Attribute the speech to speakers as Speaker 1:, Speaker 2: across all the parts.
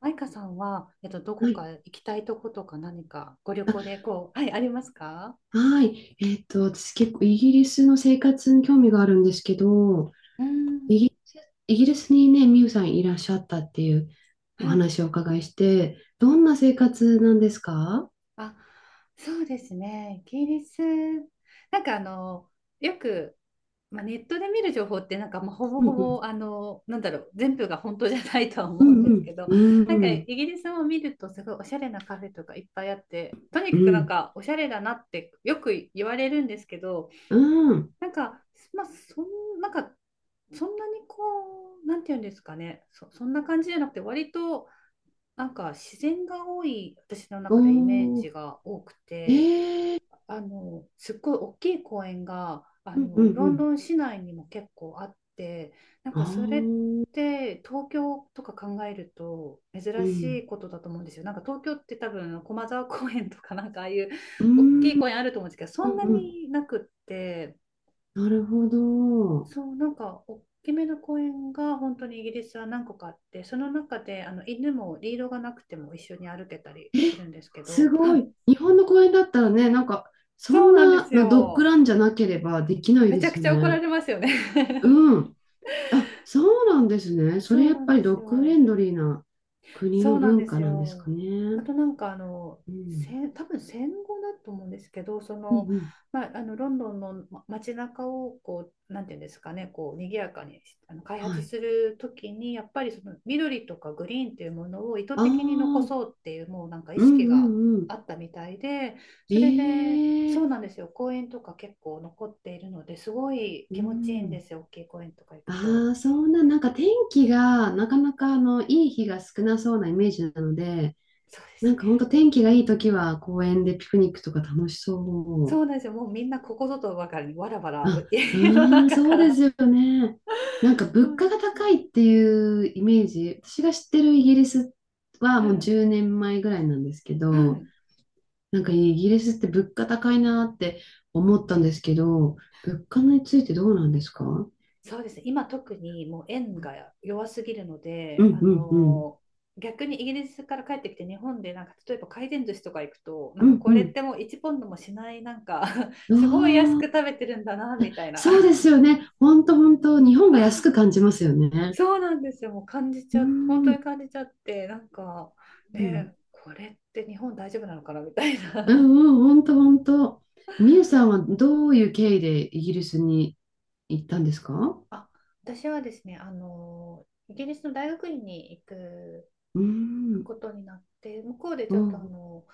Speaker 1: マイカさんは、どこ
Speaker 2: は
Speaker 1: か
Speaker 2: い。
Speaker 1: 行きたいとことか何かご旅
Speaker 2: あ、
Speaker 1: 行でこう、はい、ありますか？
Speaker 2: はい。私結構イギリスの生活に興味があるんですけど、
Speaker 1: うーん、
Speaker 2: イギリス、イギリスにね、ミユさんいらっしゃったっていうお
Speaker 1: はい。
Speaker 2: 話をお伺いして、どんな生活なんですか？
Speaker 1: あ、そうですね。イギリス、なんかあの、よく、まあ、ネットで見る情報って、まあ、ほぼ
Speaker 2: う
Speaker 1: ほ
Speaker 2: んうん。
Speaker 1: ぼ、全部が本当じゃないとは思
Speaker 2: う
Speaker 1: うん
Speaker 2: ん
Speaker 1: で
Speaker 2: う
Speaker 1: す
Speaker 2: ん。
Speaker 1: けど、なんか
Speaker 2: う
Speaker 1: イ
Speaker 2: ん
Speaker 1: ギリスを見ると、すごいおしゃれなカフェとかいっぱいあって、とに
Speaker 2: う
Speaker 1: かくなん
Speaker 2: ん。
Speaker 1: か、おしゃれだなってよく言われるんですけど、
Speaker 2: うん。
Speaker 1: なんか、まあ、そん、なんか、そんなにこう、なんていうんですかね、そんな感じじゃなくて、割と、なんか自然が多い、私の中でイメー
Speaker 2: おー。
Speaker 1: ジが多く
Speaker 2: え
Speaker 1: て、
Speaker 2: ー。
Speaker 1: すっごい大きい公園が、
Speaker 2: うんうんう
Speaker 1: ロンド
Speaker 2: ん。
Speaker 1: ン市内にも結構あって、なん
Speaker 2: あ
Speaker 1: かそれっ
Speaker 2: ー。
Speaker 1: て、東京とか考えると
Speaker 2: う
Speaker 1: 珍し
Speaker 2: ん。
Speaker 1: いことだと思うんですよ。なんか東京って多分駒沢公園とかなんかああいう
Speaker 2: う
Speaker 1: 大き
Speaker 2: ん。
Speaker 1: い
Speaker 2: うん
Speaker 1: 公園あると思うんですけど、そんな
Speaker 2: うん。
Speaker 1: になくって、
Speaker 2: なるほど。
Speaker 1: そう、なんか大きめの公園が本当にイギリスは何個かあって、その中であの犬もリードがなくても一緒に歩けたり
Speaker 2: え、
Speaker 1: するんですけ
Speaker 2: す
Speaker 1: ど、は
Speaker 2: ご
Speaker 1: い。
Speaker 2: い。日本の公園だったらね、なんか、そ
Speaker 1: そう
Speaker 2: ん
Speaker 1: なんで
Speaker 2: な
Speaker 1: す
Speaker 2: のドッグ
Speaker 1: よ。
Speaker 2: ランじゃなければできない
Speaker 1: め
Speaker 2: で
Speaker 1: ちゃく
Speaker 2: すよ
Speaker 1: ちゃ怒ら
Speaker 2: ね。
Speaker 1: れますよね。
Speaker 2: うん。あ、そうなんですね。そ
Speaker 1: そ
Speaker 2: れ
Speaker 1: う
Speaker 2: やっ
Speaker 1: なん
Speaker 2: ぱ
Speaker 1: で
Speaker 2: りド
Speaker 1: す
Speaker 2: ッグフレ
Speaker 1: よ。
Speaker 2: ンドリーな国
Speaker 1: そ
Speaker 2: の
Speaker 1: うなん
Speaker 2: 文
Speaker 1: で
Speaker 2: 化
Speaker 1: す
Speaker 2: なんです
Speaker 1: よ。
Speaker 2: かね。
Speaker 1: あとなんか、
Speaker 2: うん。
Speaker 1: 多分戦後だと思うんですけど、そ
Speaker 2: うんう
Speaker 1: の、
Speaker 2: ん。
Speaker 1: まあ、あのロンドンの街中をこうなんていうんですかね、こう賑やかに、あの、開
Speaker 2: は
Speaker 1: 発
Speaker 2: い。
Speaker 1: するときにやっぱりその緑とかグリーンというものを意図
Speaker 2: ああ、
Speaker 1: 的に残
Speaker 2: うん
Speaker 1: そうっていう、もうなんか意
Speaker 2: う
Speaker 1: 識が
Speaker 2: んうん。
Speaker 1: あったみたいで、そ
Speaker 2: え
Speaker 1: れで、そう
Speaker 2: え。
Speaker 1: なんですよ。公園とか結構残っているので、すごい
Speaker 2: う
Speaker 1: 気持ちいいんで
Speaker 2: ん。
Speaker 1: すよ、大きい公園とか行くと。
Speaker 2: ああ、そんな、なんか天気がなかなかあのいい日が少なそうなイメージなので、
Speaker 1: そうで
Speaker 2: な
Speaker 1: す
Speaker 2: んか
Speaker 1: ね。
Speaker 2: 本当天気がいい時は公園でピクニックとか楽し
Speaker 1: そ
Speaker 2: そ
Speaker 1: うなんですよ。もうみんなここぞとばかりにわらわ
Speaker 2: う。
Speaker 1: ら
Speaker 2: あ、う
Speaker 1: 家の
Speaker 2: ーん、
Speaker 1: 中
Speaker 2: そ
Speaker 1: か
Speaker 2: うです
Speaker 1: ら。
Speaker 2: よね。なんか
Speaker 1: そ
Speaker 2: 物
Speaker 1: うな
Speaker 2: 価
Speaker 1: ん
Speaker 2: が
Speaker 1: です
Speaker 2: 高
Speaker 1: よ。
Speaker 2: いっていうイメージ、私が知ってるイギリスは
Speaker 1: う
Speaker 2: もう
Speaker 1: ん
Speaker 2: 10年前ぐらいなんですけ
Speaker 1: う
Speaker 2: ど、
Speaker 1: ん、
Speaker 2: なんかイギリスって物価高いなって思ったんですけど、物価についてどうなんですか？うん
Speaker 1: そうですね、今特にもう円が弱すぎるの
Speaker 2: う
Speaker 1: で、
Speaker 2: んうん。
Speaker 1: 逆にイギリスから帰ってきて日本でなんか例えば回転寿司とか行くと、な
Speaker 2: う
Speaker 1: んか
Speaker 2: ん
Speaker 1: これっ
Speaker 2: う
Speaker 1: てもう1ポンドもしない、なんか
Speaker 2: ん。
Speaker 1: すごい安
Speaker 2: あ
Speaker 1: く食
Speaker 2: あ、
Speaker 1: べてるんだなみたい
Speaker 2: そう
Speaker 1: な。
Speaker 2: ですよね。本当本当、日本が安く感じますよね。
Speaker 1: そうなんですよ。もう感じ
Speaker 2: う
Speaker 1: ち
Speaker 2: ー
Speaker 1: ゃ、本当に
Speaker 2: ん。
Speaker 1: 感じちゃって、なんか
Speaker 2: うん
Speaker 1: ね、これって日本大丈夫なのかなみたい
Speaker 2: う
Speaker 1: な。
Speaker 2: んうん、本当 本当。みゆさんはどういう経緯でイギリスに行ったんですか？
Speaker 1: あ、私はですね、イギリスの大学院に行く
Speaker 2: うん、
Speaker 1: ことになって、向こうで
Speaker 2: う
Speaker 1: ちょっと
Speaker 2: ん、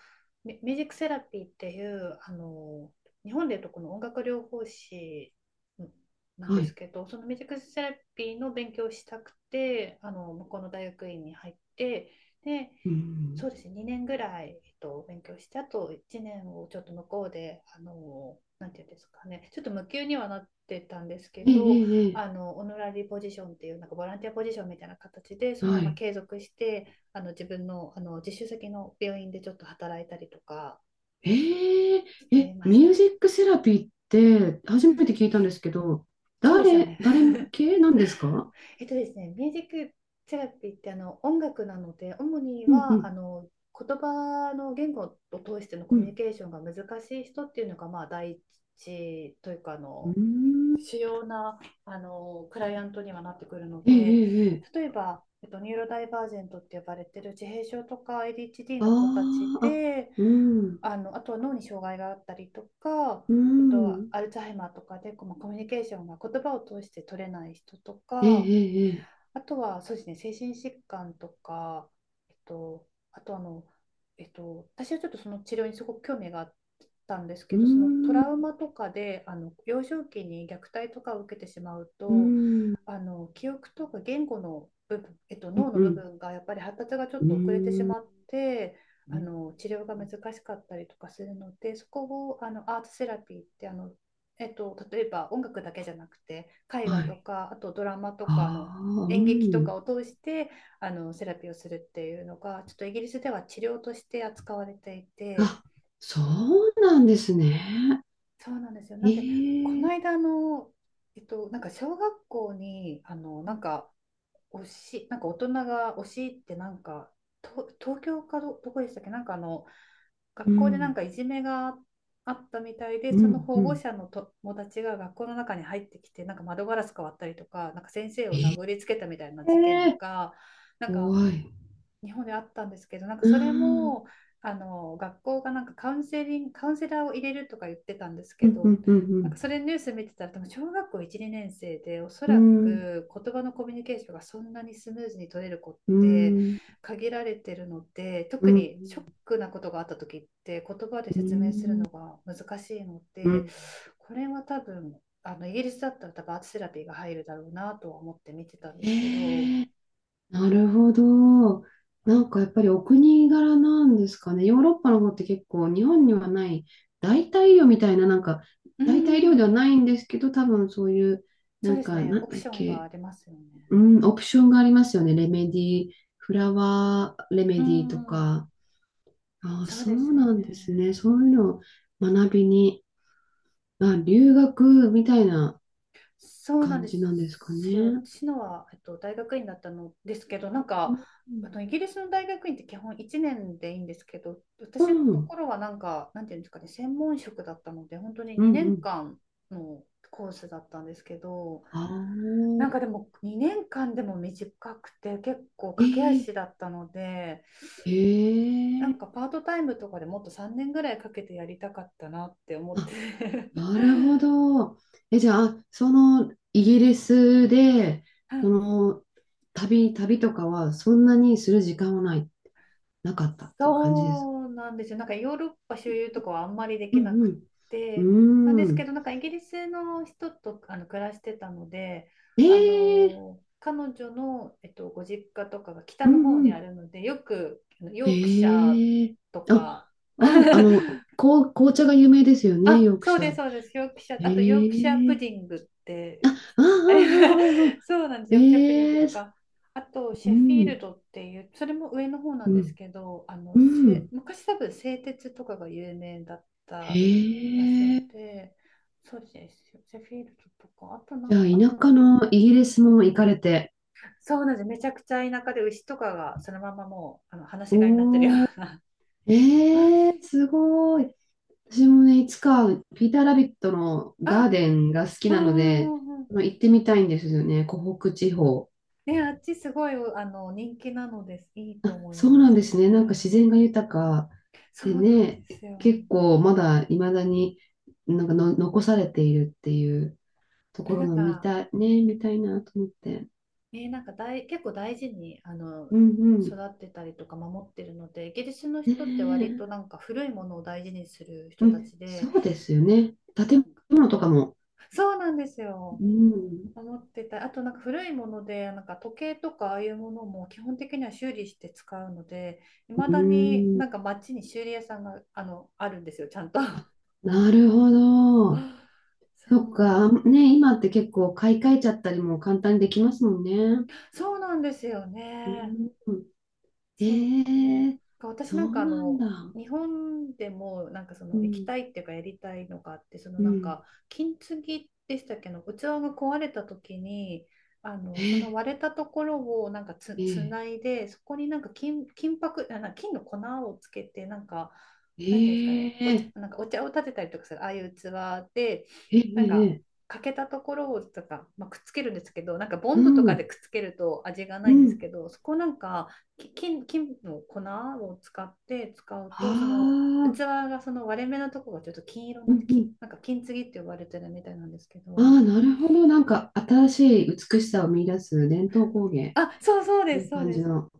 Speaker 1: ミュージックセラピーっていう、日本でいうとこの音楽療法士なんで
Speaker 2: は
Speaker 1: す
Speaker 2: い。
Speaker 1: けど、そのミュージックセラピーの勉強をしたくて、向こうの大学院に入って、で、
Speaker 2: う
Speaker 1: そう
Speaker 2: ん、
Speaker 1: ですね、2年ぐらい、勉強して、あと1年をちょっと向こうで、なんていうんですかね、ちょっと無給にはなってたんですけ
Speaker 2: ええ、え
Speaker 1: ど、
Speaker 2: え、え
Speaker 1: オノラリーポジションっていう、なんかボランティアポジションみたいな形で、そ
Speaker 2: え、
Speaker 1: のま
Speaker 2: は
Speaker 1: ま
Speaker 2: い。
Speaker 1: 継続して、自分の、実習先の病院でちょっと働いたりとか
Speaker 2: ええ、
Speaker 1: して
Speaker 2: え、
Speaker 1: ま
Speaker 2: ミ
Speaker 1: し
Speaker 2: ュー
Speaker 1: た。
Speaker 2: ジックセラピーって初めて聞いたんですけど、
Speaker 1: そうですよね。
Speaker 2: 誰向 けなんですか？
Speaker 1: えっとですね、ミュージックセラピーってあの音楽なので、主に
Speaker 2: うんう
Speaker 1: はあ
Speaker 2: ん、
Speaker 1: の言葉の言語を通してのコ
Speaker 2: う
Speaker 1: ミュニ
Speaker 2: ん。
Speaker 1: ケーションが難しい人っていうのが、まあ、第一というか、あ
Speaker 2: う
Speaker 1: の、
Speaker 2: ん、
Speaker 1: 主要なあのクライアントにはなってくるの
Speaker 2: ええ、
Speaker 1: で、
Speaker 2: ええ、え
Speaker 1: 例
Speaker 2: え。
Speaker 1: えば、ニューロダイバージェントって呼ばれてる自閉症とか ADHD
Speaker 2: あ
Speaker 1: の子たち
Speaker 2: ーあ、
Speaker 1: で、
Speaker 2: うん、
Speaker 1: あの、あとは脳に障害があったりとか、
Speaker 2: うん、
Speaker 1: アルツハイマーとかでこう、まあ、コミュニケーションが言葉を通して取れない人と
Speaker 2: ええ、
Speaker 1: か、
Speaker 2: ええ、ええ、
Speaker 1: あとはそうですね、精神疾患とか、えっと、あとあの、えっと、私はちょっとその治療にすごく興味があったんですけ
Speaker 2: う
Speaker 1: ど、そのト
Speaker 2: ん、
Speaker 1: ラウ
Speaker 2: う
Speaker 1: マとかで、あの幼少期に虐待とかを受けてしまうと、
Speaker 2: ん、
Speaker 1: あの記憶とか言語の部分、
Speaker 2: うん、
Speaker 1: 脳の
Speaker 2: う
Speaker 1: 部
Speaker 2: ん。
Speaker 1: 分がやっぱり発達がちょ
Speaker 2: う
Speaker 1: っと遅れてし
Speaker 2: ん
Speaker 1: まって、
Speaker 2: う
Speaker 1: あ
Speaker 2: ん。
Speaker 1: の治療が難しかったりとかするので、そこをあのアートセラピーって、例えば音楽だけじゃなくて絵画
Speaker 2: は
Speaker 1: と
Speaker 2: い。
Speaker 1: か、あとドラマとかの
Speaker 2: ああ、う
Speaker 1: 演劇とか
Speaker 2: ん。
Speaker 1: を通してあのセラピーをするっていうのがちょっとイギリスでは治療として扱われていて、
Speaker 2: あ、そうなんですね。
Speaker 1: そうなんですよ。なんでこ
Speaker 2: え
Speaker 1: の
Speaker 2: え。
Speaker 1: 間の、なんか小学校にあのなんか推しなんか大人が推しってなんかと東京かどこでしたっけ、なんかあの
Speaker 2: う
Speaker 1: 学校でなん
Speaker 2: ん、
Speaker 1: かいじめがあったみたいで、
Speaker 2: う
Speaker 1: その
Speaker 2: ん、
Speaker 1: 保
Speaker 2: う
Speaker 1: 護
Speaker 2: ん。
Speaker 1: 者の友達が学校の中に入ってきて、なんか窓ガラス割ったりとか、なんか先生を
Speaker 2: え
Speaker 1: 殴
Speaker 2: え。
Speaker 1: りつけたみたいな事件がなんか
Speaker 2: 怖い。
Speaker 1: 日本であったんですけど、なんか
Speaker 2: う
Speaker 1: それ
Speaker 2: ん、
Speaker 1: も、あの、学校がなんかカウンセラーを入れるとか言ってたんです
Speaker 2: う
Speaker 1: け
Speaker 2: ん、う
Speaker 1: ど、
Speaker 2: ん、う
Speaker 1: なん
Speaker 2: ん、
Speaker 1: かそれニュース見てたら、多分小学校1、2年生で、おそ
Speaker 2: う
Speaker 1: ら
Speaker 2: ん、
Speaker 1: く言葉のコミュニケーションがそんなにスムーズに取れる子っ
Speaker 2: う
Speaker 1: て
Speaker 2: ん、
Speaker 1: 限られてるので、
Speaker 2: う
Speaker 1: 特
Speaker 2: ん、
Speaker 1: にショックなことがあった時って言葉で
Speaker 2: う
Speaker 1: 説明
Speaker 2: ん、
Speaker 1: するのが難しいの
Speaker 2: う
Speaker 1: で、
Speaker 2: ん。
Speaker 1: これは多分、あのイギリスだったら多分アートセラピーが入るだろうなとは思って見てたんですけど、
Speaker 2: ええ。なるほど。なんかやっぱりお国柄なんですかね。ヨーロッパの方って結構日本にはない代替魚みたいな、なんか
Speaker 1: う
Speaker 2: 代替料
Speaker 1: ん、
Speaker 2: ではないんですけど、多分そういう、
Speaker 1: そ
Speaker 2: な
Speaker 1: う
Speaker 2: ん
Speaker 1: です
Speaker 2: か、
Speaker 1: ね。
Speaker 2: なん
Speaker 1: オプ
Speaker 2: だっ
Speaker 1: ション
Speaker 2: け、
Speaker 1: が出ますよね。
Speaker 2: うん、オプションがありますよね。レメディー、フラワーレメ
Speaker 1: う
Speaker 2: ディーと
Speaker 1: ん。
Speaker 2: か。ああ、
Speaker 1: そう
Speaker 2: そ
Speaker 1: です
Speaker 2: うなんですね。
Speaker 1: ね。
Speaker 2: そういうのを学びに、あ、留学みたいな
Speaker 1: そうなん
Speaker 2: 感
Speaker 1: で
Speaker 2: じなんですか
Speaker 1: すよ。
Speaker 2: ね。
Speaker 1: 私のは、大学院だったのですけど、なん
Speaker 2: う
Speaker 1: か、あ
Speaker 2: ん、
Speaker 1: のイギリスの大学院って基本1年でいいんですけど、
Speaker 2: う
Speaker 1: 私のと
Speaker 2: ん、
Speaker 1: ころはなんか、なんていうんですかね、専門職だったので、本当に
Speaker 2: うん。
Speaker 1: 2
Speaker 2: うん。
Speaker 1: 年間のコースだったんですけど、
Speaker 2: ああ、
Speaker 1: なんかでも2年間でも短くて、結構
Speaker 2: え
Speaker 1: 駆け足
Speaker 2: え。
Speaker 1: だったので、
Speaker 2: へ
Speaker 1: な
Speaker 2: え、
Speaker 1: んかパートタイムとかでもっと3年ぐらいかけてやりたかったなって思って。
Speaker 2: あ、なるほど。え、じゃあ、そのイギリスで、
Speaker 1: う
Speaker 2: そ
Speaker 1: ん、
Speaker 2: の旅とかはそんなにする時間はない、なかったっていう感じです。
Speaker 1: そうなんですよ。なんかヨーロッパ周遊とかはあんまりで
Speaker 2: う
Speaker 1: きなく
Speaker 2: んう
Speaker 1: てなん
Speaker 2: ん。
Speaker 1: で
Speaker 2: うー
Speaker 1: すけど、
Speaker 2: ん。
Speaker 1: なんかイギリスの人とあの暮らしてたので、
Speaker 2: え
Speaker 1: あ
Speaker 2: え、
Speaker 1: の彼女の、ご実家とかが北
Speaker 2: う
Speaker 1: の
Speaker 2: ん
Speaker 1: 方
Speaker 2: う
Speaker 1: にあ
Speaker 2: ん。
Speaker 1: るので、よくあのヨークシャー
Speaker 2: ええ、
Speaker 1: と
Speaker 2: あ、
Speaker 1: か。
Speaker 2: あ、あの、こう、紅茶が有名ですよね、
Speaker 1: あ、
Speaker 2: ヨーク
Speaker 1: そう
Speaker 2: シャ
Speaker 1: です、
Speaker 2: ー。
Speaker 1: そうです。ヨークシャー、あとヨークシャー
Speaker 2: え
Speaker 1: プ
Speaker 2: え、
Speaker 1: ディングって。
Speaker 2: ああ、ああ、
Speaker 1: あれは。
Speaker 2: ああ、ああ。
Speaker 1: そうなんですよ。チャップリング
Speaker 2: え
Speaker 1: と
Speaker 2: え、
Speaker 1: か、あと
Speaker 2: う
Speaker 1: シェフィー
Speaker 2: ん、
Speaker 1: ルドっていう、それも上の方なん
Speaker 2: う
Speaker 1: です
Speaker 2: ん、
Speaker 1: けど、あの
Speaker 2: う
Speaker 1: シェ
Speaker 2: ん。
Speaker 1: 昔多分製鉄とかが有名だっ
Speaker 2: へ
Speaker 1: た場所
Speaker 2: え。
Speaker 1: で、そうですよ。シェフィールドとか、あとな
Speaker 2: じ
Speaker 1: ん
Speaker 2: ゃあ、
Speaker 1: だろう、あ、
Speaker 2: 田舎のイギリスも行かれて。
Speaker 1: そうなんです。めちゃくちゃ田舎で牛とかがそのままもうあの放し飼いになってるよ
Speaker 2: おー、
Speaker 1: うな。
Speaker 2: え ー、すごい。私もね、いつか、ピーター・ラビットのガー
Speaker 1: あ、
Speaker 2: デンが好き
Speaker 1: う
Speaker 2: なの
Speaker 1: んう
Speaker 2: で、
Speaker 1: んうんうん。
Speaker 2: あの行ってみたいんですよね、湖北地方。
Speaker 1: ね、あっちすごいあの人気なのです。いい
Speaker 2: あ、
Speaker 1: と思い
Speaker 2: そう
Speaker 1: ま
Speaker 2: なん
Speaker 1: す
Speaker 2: ですね。なんか自
Speaker 1: ね。
Speaker 2: 然が豊か
Speaker 1: そ
Speaker 2: で
Speaker 1: うなんで
Speaker 2: ね、
Speaker 1: すよ。
Speaker 2: 結構まだ未だになんかの残されているっていうとこ
Speaker 1: な
Speaker 2: ろ
Speaker 1: ん
Speaker 2: の見
Speaker 1: か
Speaker 2: たい、ね、見たいなと思って。
Speaker 1: えーなんか大、結構大事に、あの、
Speaker 2: うんう
Speaker 1: 育
Speaker 2: ん。
Speaker 1: ってたりとか守ってるので、イギリスの
Speaker 2: ね
Speaker 1: 人って割とな
Speaker 2: え、
Speaker 1: んか古いものを大事にする
Speaker 2: う
Speaker 1: 人た
Speaker 2: ん、
Speaker 1: ちで、
Speaker 2: そうですよね。
Speaker 1: なん
Speaker 2: 建
Speaker 1: か、
Speaker 2: 物とかも。
Speaker 1: そうなんですよ。
Speaker 2: うん。
Speaker 1: 守ってた。あとなんか古いもので、なんか時計とかああいうものも基本的には修理して使うので、いま
Speaker 2: う
Speaker 1: だに
Speaker 2: ん。
Speaker 1: なんか街に修理屋さんが、あるんですよ、ちゃんと。
Speaker 2: なるほど。
Speaker 1: そ
Speaker 2: そっ
Speaker 1: う、
Speaker 2: か。あね、今って結構買い替えちゃったりも簡単にできますもんね。
Speaker 1: そうなんですよ
Speaker 2: う
Speaker 1: ね。
Speaker 2: ん。え
Speaker 1: そう
Speaker 2: ー、
Speaker 1: か私
Speaker 2: そ
Speaker 1: なんか
Speaker 2: うなんだ。
Speaker 1: 日本でもなんかそ
Speaker 2: う
Speaker 1: の行き
Speaker 2: ん。
Speaker 1: たいっていうかやりたいのがあってその
Speaker 2: う
Speaker 1: なんか
Speaker 2: ん。
Speaker 1: 金継ぎでしたっけの器が壊れた時に
Speaker 2: え
Speaker 1: その
Speaker 2: ー、
Speaker 1: 割れたところをなんか
Speaker 2: え
Speaker 1: つ
Speaker 2: ー、
Speaker 1: ないでそこになんか金箔あな金の粉をつけてなんかなんていうんですかね
Speaker 2: え
Speaker 1: お茶、
Speaker 2: ー、
Speaker 1: なんかお茶を立てたりとかするああいう器で
Speaker 2: え
Speaker 1: なんか
Speaker 2: ー、え
Speaker 1: 欠けたところをとか、まあ、くっつけるんですけどなんかボ
Speaker 2: ー、
Speaker 1: ン
Speaker 2: う
Speaker 1: ドとかで
Speaker 2: ん。
Speaker 1: くっつけると味がな
Speaker 2: う
Speaker 1: いんです
Speaker 2: ん。
Speaker 1: けどそこなんか金の粉を使って使う
Speaker 2: あ
Speaker 1: と、その器
Speaker 2: あ、
Speaker 1: がその割れ目のところがちょっと金色に
Speaker 2: う
Speaker 1: なって
Speaker 2: ん、う
Speaker 1: き、
Speaker 2: ん。
Speaker 1: なんか金継ぎって呼ばれてるみたいなんですけ
Speaker 2: あ
Speaker 1: ど、
Speaker 2: あ、なるほど。なんか新しい美しさを見出す伝統工芸っ
Speaker 1: あ、そうそうで
Speaker 2: てい
Speaker 1: す、
Speaker 2: う
Speaker 1: そう
Speaker 2: 感
Speaker 1: で
Speaker 2: じ
Speaker 1: す。
Speaker 2: の。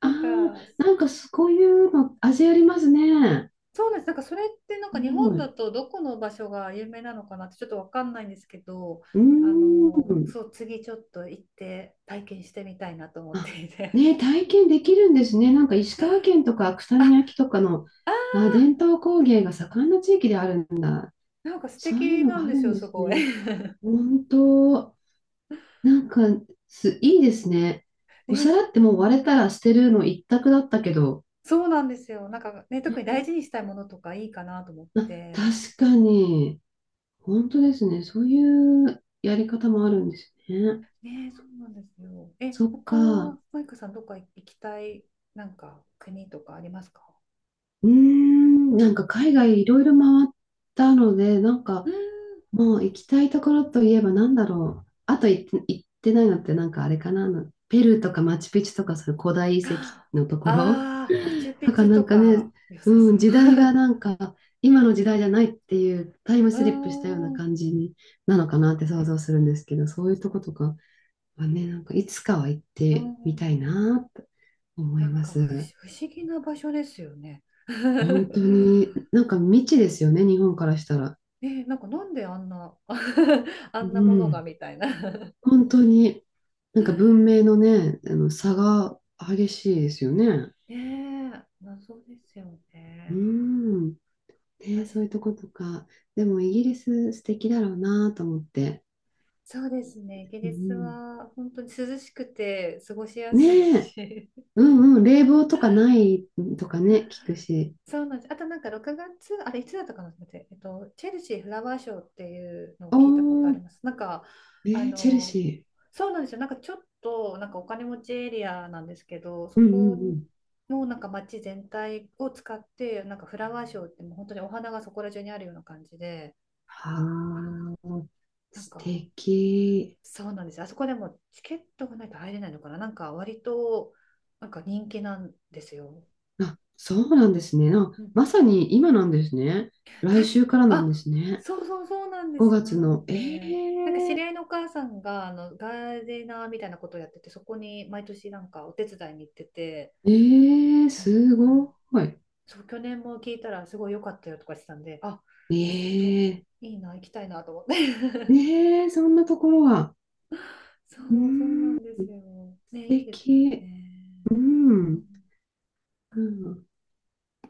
Speaker 2: あ
Speaker 1: な
Speaker 2: あ、
Speaker 1: んか、
Speaker 2: なんかそういうの、味ありますね。
Speaker 1: そうなんです。なんかそれってなん
Speaker 2: す
Speaker 1: か日本
Speaker 2: ご
Speaker 1: だ
Speaker 2: い。
Speaker 1: とどこの場所が有名なのかなってちょっとわかんないんですけど、
Speaker 2: うーん。
Speaker 1: そう、次ちょっと行って体験してみたいなと思っ
Speaker 2: あ、
Speaker 1: ていて。
Speaker 2: ね、体験できるんですね。なんか石川県とか 草見
Speaker 1: あ、
Speaker 2: 焼とかの、
Speaker 1: あ
Speaker 2: あ、伝統工芸が盛んな地域であるんだ。
Speaker 1: ー、なんか素
Speaker 2: そういう
Speaker 1: 敵
Speaker 2: の
Speaker 1: な
Speaker 2: があ
Speaker 1: ん
Speaker 2: る
Speaker 1: です
Speaker 2: ん
Speaker 1: よ、
Speaker 2: で
Speaker 1: す
Speaker 2: す
Speaker 1: ごい。
Speaker 2: ね。本当、なんかす、いいですね。お
Speaker 1: ね、
Speaker 2: 皿ってもう割れたら捨てるの一択だったけど、
Speaker 1: そうなんですよ。なんかね、特に大事にしたいものとかいいかなと思っ
Speaker 2: あ、
Speaker 1: て。
Speaker 2: 確かに、本当ですね。そういうやり方もあるんですね。
Speaker 1: ね、そうなんですよ。え、
Speaker 2: そっ
Speaker 1: 他、
Speaker 2: か。
Speaker 1: マイカさん、どっか行きたい、なんか国とかありますか。
Speaker 2: うーん、なんか海外いろいろ回ったので、なんか
Speaker 1: うーん。
Speaker 2: もう行きたいところといえばなんだろう。あと行って、行ってないのってなんかあれかな。あのペルーとかマチュピチュとかそういう古代遺 跡
Speaker 1: あ
Speaker 2: のところ。
Speaker 1: あー、マチュ
Speaker 2: だ
Speaker 1: ピ
Speaker 2: か
Speaker 1: チ
Speaker 2: ら
Speaker 1: ュ
Speaker 2: なん
Speaker 1: と
Speaker 2: かね、
Speaker 1: か良さ
Speaker 2: う
Speaker 1: そ
Speaker 2: ん、
Speaker 1: う。
Speaker 2: 時代がな んか今の時代じゃないっていうタイム
Speaker 1: うー
Speaker 2: スリップしたような
Speaker 1: ん、うん、
Speaker 2: 感じになのかなって想像するんですけど、そういうとことかはね、なんかいつかは行っ
Speaker 1: うん
Speaker 2: て
Speaker 1: う
Speaker 2: みたい
Speaker 1: ん。
Speaker 2: なと思
Speaker 1: な
Speaker 2: い
Speaker 1: ん
Speaker 2: ま
Speaker 1: か
Speaker 2: す。
Speaker 1: 不思議な場所ですよね。
Speaker 2: 本当に、なんか未知ですよね、日本からしたら。
Speaker 1: ね、なんかなんであんな、あんなも
Speaker 2: う
Speaker 1: のが
Speaker 2: ん。
Speaker 1: みたいな。
Speaker 2: 本当に、なんか文明のね、あの差が激しいですよね。
Speaker 1: ねえ、謎ですよ
Speaker 2: う
Speaker 1: ね。
Speaker 2: ん。ね、
Speaker 1: 私
Speaker 2: そういうとことか。でもイギリス素敵だろうなと思って。
Speaker 1: そうですね。イギ
Speaker 2: う
Speaker 1: リス
Speaker 2: ん。
Speaker 1: は本当に涼しくて過ごしや
Speaker 2: ね
Speaker 1: すい
Speaker 2: え。
Speaker 1: し。
Speaker 2: うんうん。冷房とかないとかね、聞くし。
Speaker 1: そうなんです。あとなんか6月、あれいつだったかな待って、チェルシーフラワーショーっていうのを
Speaker 2: お
Speaker 1: 聞いたことあり
Speaker 2: ー、
Speaker 1: ます。なんか、
Speaker 2: え
Speaker 1: あ
Speaker 2: ーチェル
Speaker 1: の、
Speaker 2: シ
Speaker 1: そうなんですよ。なんかちょっとなんかお金持ちエリアなんですけど、そ
Speaker 2: ー。うんう
Speaker 1: こ
Speaker 2: んうん。
Speaker 1: もなんか街全体を使って、なんかフラワーショーってもう本当にお花がそこら中にあるような感じで、
Speaker 2: はあ、
Speaker 1: なん
Speaker 2: 素
Speaker 1: か
Speaker 2: 敵。
Speaker 1: そうなんです。あそこでもチケットがないと入れないのかな。なんか割となんか人気なんですよ。
Speaker 2: あ、そうなんですね。あ、
Speaker 1: うん、
Speaker 2: まさに今なんですね。
Speaker 1: た
Speaker 2: 来
Speaker 1: し、
Speaker 2: 週からなんで
Speaker 1: あ、
Speaker 2: すね。
Speaker 1: そうそうそうなんです
Speaker 2: 5
Speaker 1: よ。
Speaker 2: 月
Speaker 1: なん
Speaker 2: の、
Speaker 1: で、なんか知り合いのお母さんがあのガーデナーみたいなことをやってて、そこに毎年なんかお手伝いに行ってて、
Speaker 2: えー、
Speaker 1: うん
Speaker 2: す
Speaker 1: う
Speaker 2: ご
Speaker 1: ん
Speaker 2: い。
Speaker 1: そう、去年も聞いたらすごい良かったよとかしてたんで、あ、ちょっと
Speaker 2: えー、
Speaker 1: いいな、行きたいなと思って。
Speaker 2: えー、そんなところは。
Speaker 1: そ
Speaker 2: う
Speaker 1: う、そうな
Speaker 2: ーん、
Speaker 1: んで
Speaker 2: 素
Speaker 1: すよ。ね、いいですよ
Speaker 2: 敵。う
Speaker 1: ね。う
Speaker 2: ん。
Speaker 1: ん
Speaker 2: うん